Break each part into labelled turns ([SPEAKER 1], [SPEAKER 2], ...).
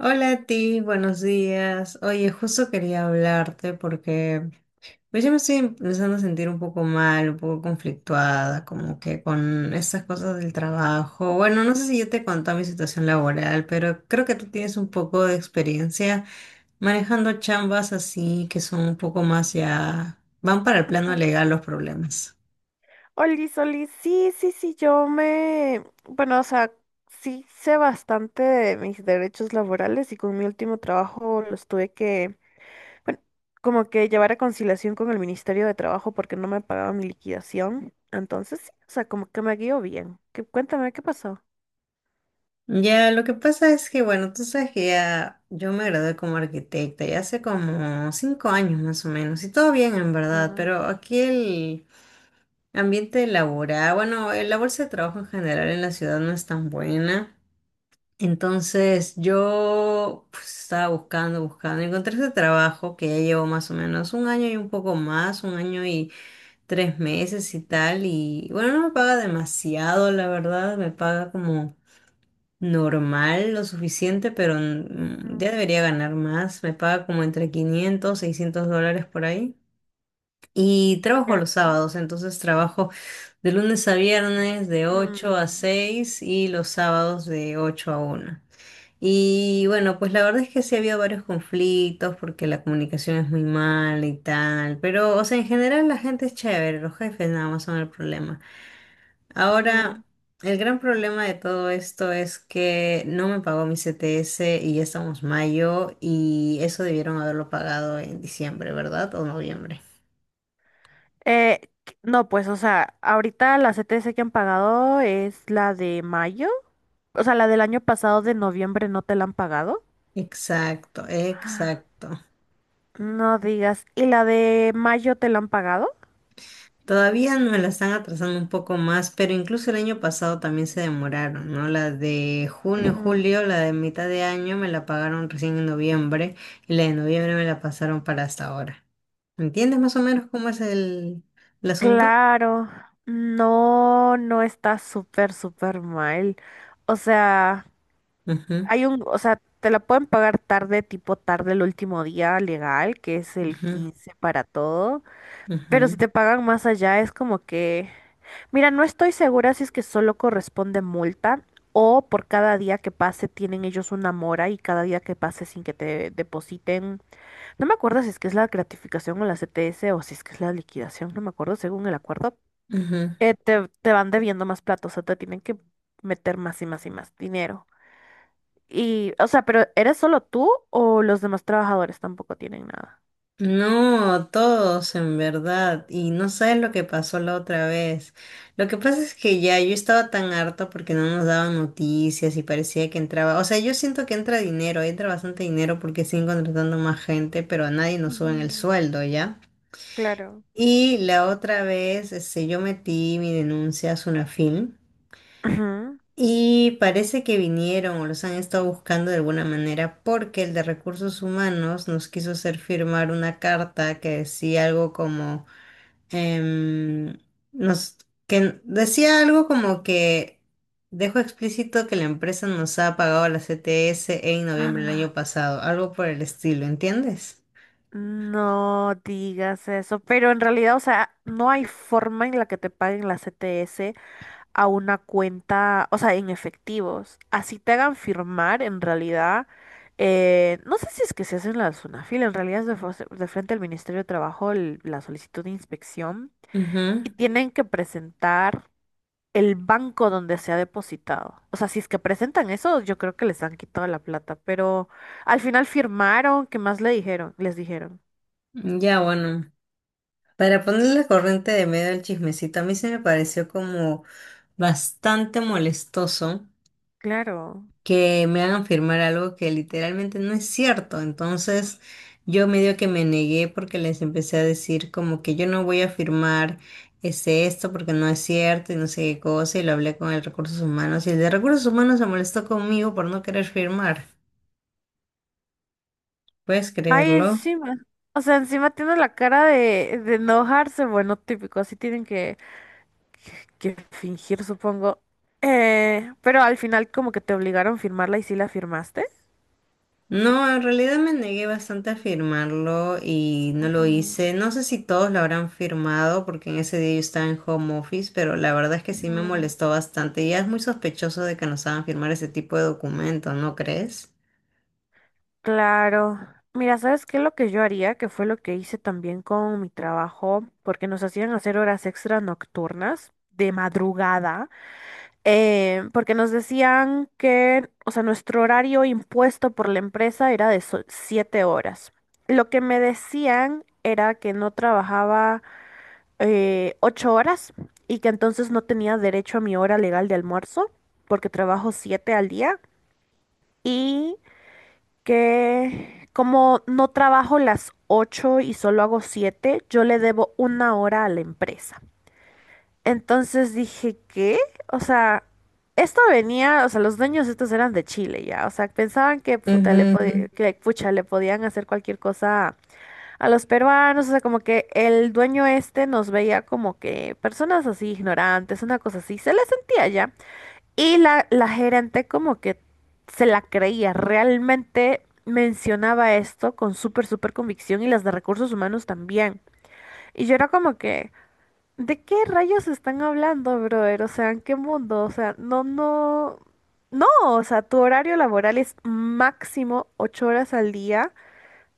[SPEAKER 1] Hola a ti, buenos días. Oye, justo quería hablarte porque pues ya me estoy empezando a sentir un poco mal, un poco conflictuada, como que con estas cosas del trabajo. Bueno, no sé si yo te conté mi situación laboral, pero creo que tú tienes un poco de experiencia manejando chambas así que son un poco más ya, van para el plano
[SPEAKER 2] Ujú.
[SPEAKER 1] legal los problemas.
[SPEAKER 2] Oli olis, sí, sí, sí, yo me, bueno, o sea, sí sé bastante de mis derechos laborales y con mi último trabajo los tuve que, bueno, como que llevar a conciliación con el Ministerio de Trabajo porque no me pagaba mi liquidación. Entonces, sí, o sea, como que me guió bien. Qué, cuéntame, ¿qué pasó?
[SPEAKER 1] Ya, lo que pasa es que, bueno, tú sabes que ya yo me gradué como arquitecta ya hace como 5 años más o menos, y todo bien en verdad,
[SPEAKER 2] Ah.
[SPEAKER 1] pero aquí el ambiente laboral, bueno, el la bolsa de trabajo en general en la ciudad no es tan buena. Entonces yo pues, estaba buscando, encontré este trabajo que ya llevo más o menos un año y un poco más, un año y 3 meses y tal, y bueno, no me paga demasiado, la verdad, me paga como normal, lo suficiente, pero ya
[SPEAKER 2] Mm,
[SPEAKER 1] debería ganar más. Me paga como entre 500, $600 por ahí. Y trabajo
[SPEAKER 2] ya.
[SPEAKER 1] los sábados, entonces trabajo de lunes a viernes de ocho a
[SPEAKER 2] Mm,
[SPEAKER 1] seis y los sábados de 8 a 1. Y bueno, pues la verdad es que sí ha habido varios conflictos porque la comunicación es muy mala y tal, pero o sea, en general la gente es chévere, los jefes nada más son el problema.
[SPEAKER 2] mm.
[SPEAKER 1] Ahora, el gran problema de todo esto es que no me pagó mi CTS y ya estamos mayo y eso debieron haberlo pagado en diciembre, ¿verdad? O noviembre.
[SPEAKER 2] No, pues, o sea, ahorita la CTS que han pagado es la de mayo. O sea, la del año pasado de noviembre no te la han pagado.
[SPEAKER 1] Exacto, exacto.
[SPEAKER 2] No digas. ¿Y la de mayo te la han pagado?
[SPEAKER 1] Todavía me la están atrasando un poco más, pero incluso el año pasado también se demoraron, ¿no? La de junio,
[SPEAKER 2] Ujú.
[SPEAKER 1] julio, la de mitad de año me la pagaron recién en noviembre y la de noviembre me la pasaron para hasta ahora. ¿Entiendes más o menos cómo es el asunto?
[SPEAKER 2] Claro. No, no está súper, súper mal. O sea,
[SPEAKER 1] Ujú,
[SPEAKER 2] hay un, o sea, te la pueden pagar tarde, tipo tarde el último día legal, que es el
[SPEAKER 1] ujú.
[SPEAKER 2] 15 para todo. Pero si
[SPEAKER 1] Ujú,
[SPEAKER 2] te pagan más allá, es como que. Mira, no estoy segura si es que solo corresponde multa o por cada día que pase tienen ellos una mora y cada día que pase sin que te depositen. No me acuerdo si es que es la gratificación o la CTS o si es que es la liquidación, no me acuerdo según el acuerdo.
[SPEAKER 1] ujú.
[SPEAKER 2] Te van debiendo más platos, o sea, te tienen que meter más y más y más dinero. Y, o sea, pero ¿eres solo tú o los demás trabajadores tampoco tienen nada?
[SPEAKER 1] No, todos en verdad. Y no sabes lo que pasó la otra vez. Lo que pasa es que ya yo estaba tan harta porque no nos daban noticias y parecía que entraba. O sea, yo siento que entra dinero, entra bastante dinero porque siguen contratando más gente, pero a nadie nos suben el
[SPEAKER 2] Ujú.
[SPEAKER 1] sueldo, ¿ya?
[SPEAKER 2] Claro.
[SPEAKER 1] Y la otra vez, este, yo metí mi denuncia a Sunafin.
[SPEAKER 2] Ujú.
[SPEAKER 1] Y parece que vinieron o los han estado buscando de alguna manera porque el de recursos humanos nos quiso hacer firmar una carta que decía algo como em, nos que decía algo como que dejó explícito que la empresa nos ha pagado la CTS en noviembre del año pasado, algo por el estilo, ¿entiendes?
[SPEAKER 2] No digas eso, pero en realidad, o sea, no hay forma en la que te paguen la CTS a una cuenta, o sea, en efectivos. Así te hagan firmar, en realidad, no sé si es que se hace en la Sunafil, en realidad es de frente al Ministerio de Trabajo la solicitud de inspección
[SPEAKER 1] Ujú.
[SPEAKER 2] y tienen que presentar el banco donde se ha depositado. O sea, si es que presentan eso, yo creo que les han quitado la plata, pero al final firmaron, ¿qué más le dijeron? Les dijeron.
[SPEAKER 1] Ya bueno, para ponerle la corriente de medio al chismecito, a mí se me pareció como bastante molestoso
[SPEAKER 2] Claro.
[SPEAKER 1] que me hagan firmar algo que literalmente no es cierto. Entonces, yo medio que me negué porque les empecé a decir como que yo no voy a firmar esto porque no es cierto y no sé qué cosa y lo hablé con el recursos humanos y el de recursos humanos se molestó conmigo por no querer firmar. ¿Puedes
[SPEAKER 2] Ay,
[SPEAKER 1] creerlo?
[SPEAKER 2] encima. O sea, encima tiene la cara de enojarse. Bueno, típico, así tienen que fingir, supongo. Pero al final como que te obligaron a firmarla y sí la firmaste.
[SPEAKER 1] No, en realidad me negué bastante a firmarlo y no lo
[SPEAKER 2] Ujú,
[SPEAKER 1] hice. No sé si todos lo habrán firmado porque en ese día yo estaba en home office, pero la verdad es que sí me
[SPEAKER 2] ujú.
[SPEAKER 1] molestó bastante. Y ya es muy sospechoso de que nos hagan firmar ese tipo de documentos, ¿no crees?
[SPEAKER 2] Claro. Mira, ¿sabes qué? Lo que yo haría, que fue lo que hice también con mi trabajo, porque nos hacían hacer horas extra nocturnas de madrugada. Porque nos decían que, o sea, nuestro horario impuesto por la empresa era de siete horas. Lo que me decían era que no trabajaba ocho horas y que entonces no tenía derecho a mi hora legal de almuerzo, porque trabajo siete al día y que como no trabajo las ocho y solo hago siete, yo le debo una hora a la empresa. Entonces dije, ¿qué? O sea, esto venía, o sea, los dueños estos eran de Chile ya, o sea, pensaban que puta
[SPEAKER 1] Ujú, ujú.
[SPEAKER 2] que pucha le podían hacer cualquier cosa a los peruanos, o sea, como que el dueño este nos veía como que personas así ignorantes, una cosa así, se le sentía ya. Y la gerente como que se la creía, realmente mencionaba esto con súper, súper convicción y las de recursos humanos también. Y yo era como que... ¿De qué rayos están hablando, brother? O sea, ¿en qué mundo? O sea, no, no, no, o sea, tu horario laboral es máximo ocho horas al día,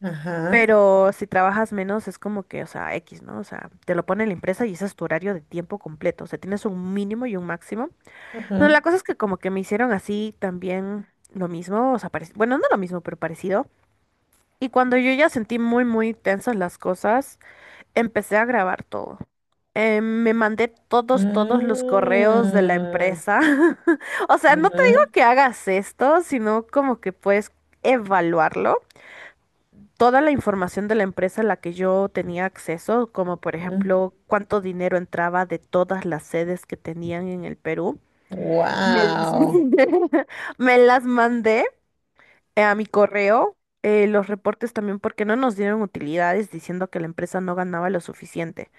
[SPEAKER 1] Ajá,
[SPEAKER 2] pero si trabajas menos es como que, o sea, X, ¿no? O sea, te lo pone la empresa y ese es tu horario de tiempo completo, o sea, tienes un mínimo y un máximo. No,
[SPEAKER 1] ajá.
[SPEAKER 2] la cosa es que como que me hicieron así también lo mismo, o sea, bueno, no lo mismo, pero parecido. Y cuando yo ya sentí muy, muy tensas las cosas, empecé a grabar todo. Me mandé todos los correos de la
[SPEAKER 1] Mm,
[SPEAKER 2] empresa. O sea, no te digo
[SPEAKER 1] ujú,
[SPEAKER 2] que hagas esto, sino como que puedes evaluarlo. Toda la información de la empresa a la que yo tenía acceso, como por
[SPEAKER 1] ujú.
[SPEAKER 2] ejemplo cuánto dinero entraba de todas las sedes que tenían en el Perú, me las
[SPEAKER 1] Wow.
[SPEAKER 2] mandé, me las mandé, a mi correo. Los reportes también porque no nos dieron utilidades diciendo que la empresa no ganaba lo suficiente.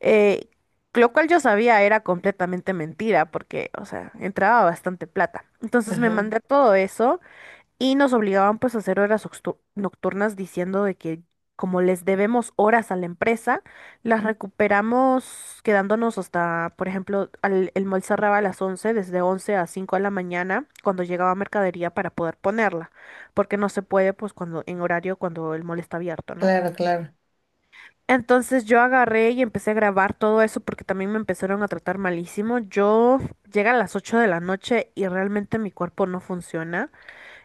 [SPEAKER 2] Eh, lo cual yo sabía era completamente mentira porque, o sea, entraba bastante plata. Entonces me
[SPEAKER 1] Ajá,
[SPEAKER 2] mandé todo eso y nos obligaban pues a hacer horas nocturnas diciendo de que como les debemos horas a la empresa, las recuperamos quedándonos hasta, por ejemplo, el mall cerraba a las once, desde 11 a 5 de la mañana cuando llegaba mercadería para poder ponerla, porque no se puede pues cuando en horario cuando el mall está abierto, ¿no?
[SPEAKER 1] claro, claro.
[SPEAKER 2] Entonces yo agarré y empecé a grabar todo eso porque también me empezaron a tratar malísimo. Yo llegué a las 8 de la noche y realmente mi cuerpo no funciona.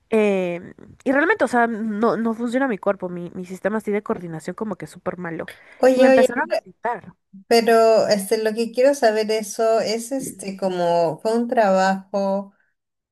[SPEAKER 2] Em, y realmente, o sea, no, no funciona mi cuerpo, mi sistema así de coordinación como que es súper malo. Y me
[SPEAKER 1] Oye, oye,
[SPEAKER 2] empezaron a gritar.
[SPEAKER 1] pero este, lo que quiero saber eso es este como fue un trabajo.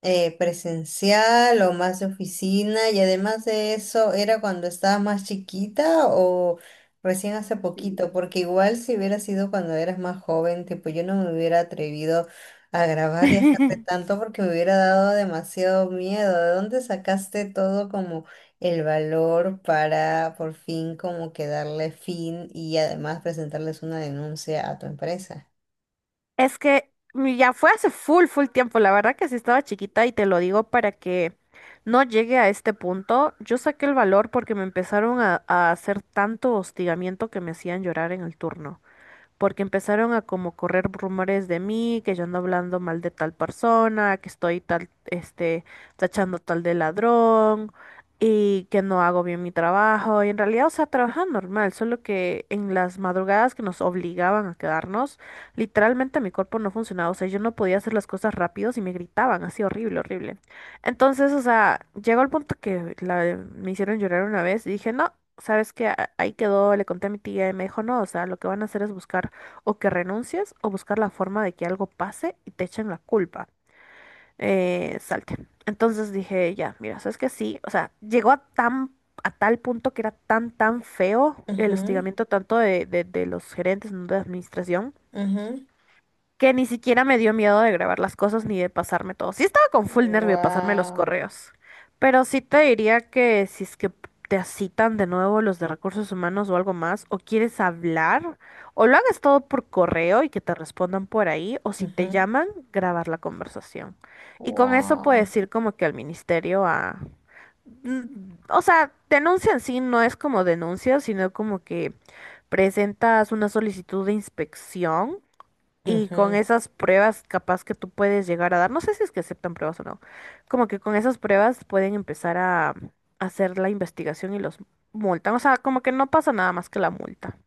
[SPEAKER 1] ¿Presencial o más de oficina? Y además de eso, ¿era cuando estabas más chiquita o recién hace
[SPEAKER 2] Sí.
[SPEAKER 1] poquito? Porque igual si hubiera sido cuando eras más joven, tipo yo no me hubiera atrevido a grabar y a hacer tanto porque me hubiera dado demasiado miedo. ¿De dónde sacaste todo como el valor para por fin como que darle fin y además presentarles una denuncia a tu empresa?
[SPEAKER 2] Es que ya fue hace full, full tiempo. La verdad que sí estaba chiquita y te lo digo para que no llegue a este punto. Yo saqué el valor porque me empezaron a hacer tanto hostigamiento que me hacían llorar en el turno porque empezaron a como correr rumores de mí, que yo ando hablando mal de tal persona, que estoy tal, este, tachando tal de ladrón y que no hago bien mi trabajo. Y en realidad, o sea, trabajaban normal, solo que en las madrugadas que nos obligaban a quedarnos, literalmente mi cuerpo no funcionaba, o sea, yo no podía hacer las cosas rápido y me gritaban así horrible, horrible. Entonces, o sea, llegó el punto que me hicieron llorar una vez y dije, no, ¿sabes qué? Ahí quedó, le conté a mi tía y me dijo, no, o sea, lo que van a hacer es buscar o que renuncies o buscar la forma de que algo pase y te echen la culpa. Salte. Entonces dije, ya, mira, ¿sabes qué? Sí, o sea, llegó a tan, a tal punto que era tan, tan feo el hostigamiento tanto de los gerentes, ¿no?, de administración, que ni siquiera me dio miedo de grabar las cosas ni de pasarme todo. Sí estaba con full nervio de pasarme los
[SPEAKER 1] Wow.
[SPEAKER 2] correos, pero sí te diría que si es que te citan de nuevo los de recursos humanos o algo más, o quieres hablar, o lo hagas todo por correo y que te respondan por ahí, o si te llaman, grabar la conversación. Y con eso
[SPEAKER 1] Wow.
[SPEAKER 2] puedes ir como que al ministerio a... Mm, o sea, denuncia en sí no es como denuncia, sino como que presentas una solicitud de inspección y con
[SPEAKER 1] Ujú.
[SPEAKER 2] esas pruebas capaz que tú puedes llegar a dar, no sé si es que aceptan pruebas o no, como que con esas pruebas pueden empezar a hacer la investigación y los multan. O sea, como que no pasa nada más que la multa.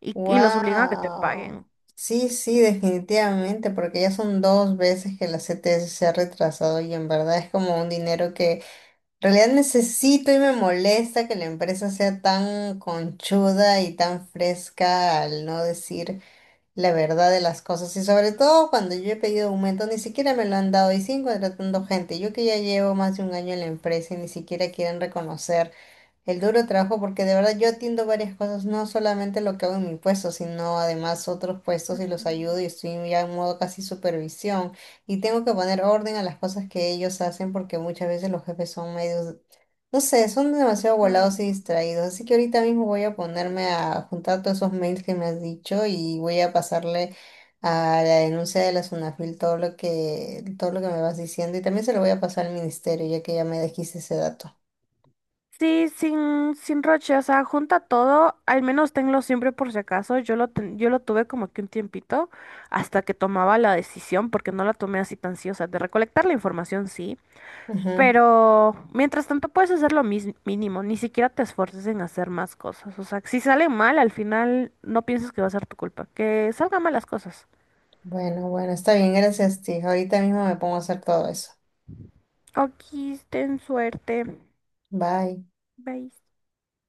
[SPEAKER 2] Y los obligan a que te
[SPEAKER 1] Wow.
[SPEAKER 2] paguen.
[SPEAKER 1] Sí, sí, definitivamente, porque ya son dos veces que la CTS se ha retrasado y en verdad es como un dinero que en realidad necesito y me molesta que la empresa sea tan conchuda y tan fresca al no decir la verdad de las cosas. Y sobre todo cuando yo he pedido aumento, ni siquiera me lo han dado y siguen contratando gente. Yo que ya llevo más de un año en la empresa y ni siquiera quieren reconocer. El duro trabajo, porque de verdad yo atiendo varias cosas, no solamente lo que hago en mi puesto, sino además otros puestos y los ayudo y estoy ya en modo casi supervisión. Y tengo que poner orden a las cosas que ellos hacen porque muchas veces los jefes son medios, no sé, son demasiado volados
[SPEAKER 2] Mm.
[SPEAKER 1] y distraídos. Así que ahorita mismo voy a ponerme a juntar todos esos mails que me has dicho y voy a pasarle a la denuncia de la Sunafil todo lo que me vas diciendo y también se lo voy a pasar al ministerio ya que ya me dijiste ese dato.
[SPEAKER 2] Sí, sin roche, o sea, junta todo, al menos tenlo siempre por si acaso. Yo lo tuve como que un tiempito hasta que tomaba la decisión, porque no la tomé así tan sí, o sea, de recolectar la información sí,
[SPEAKER 1] Ujú.
[SPEAKER 2] pero mientras tanto puedes hacer lo mínimo, ni siquiera te esfuerces en hacer más cosas. O sea, si sale mal, al final no pienses que va a ser tu culpa. Que salgan mal las cosas.
[SPEAKER 1] Bueno, bueno, está bien, gracias, tía. Ahorita mismo me pongo a hacer todo eso.
[SPEAKER 2] Aquí ten suerte.
[SPEAKER 1] Bye.
[SPEAKER 2] Bye.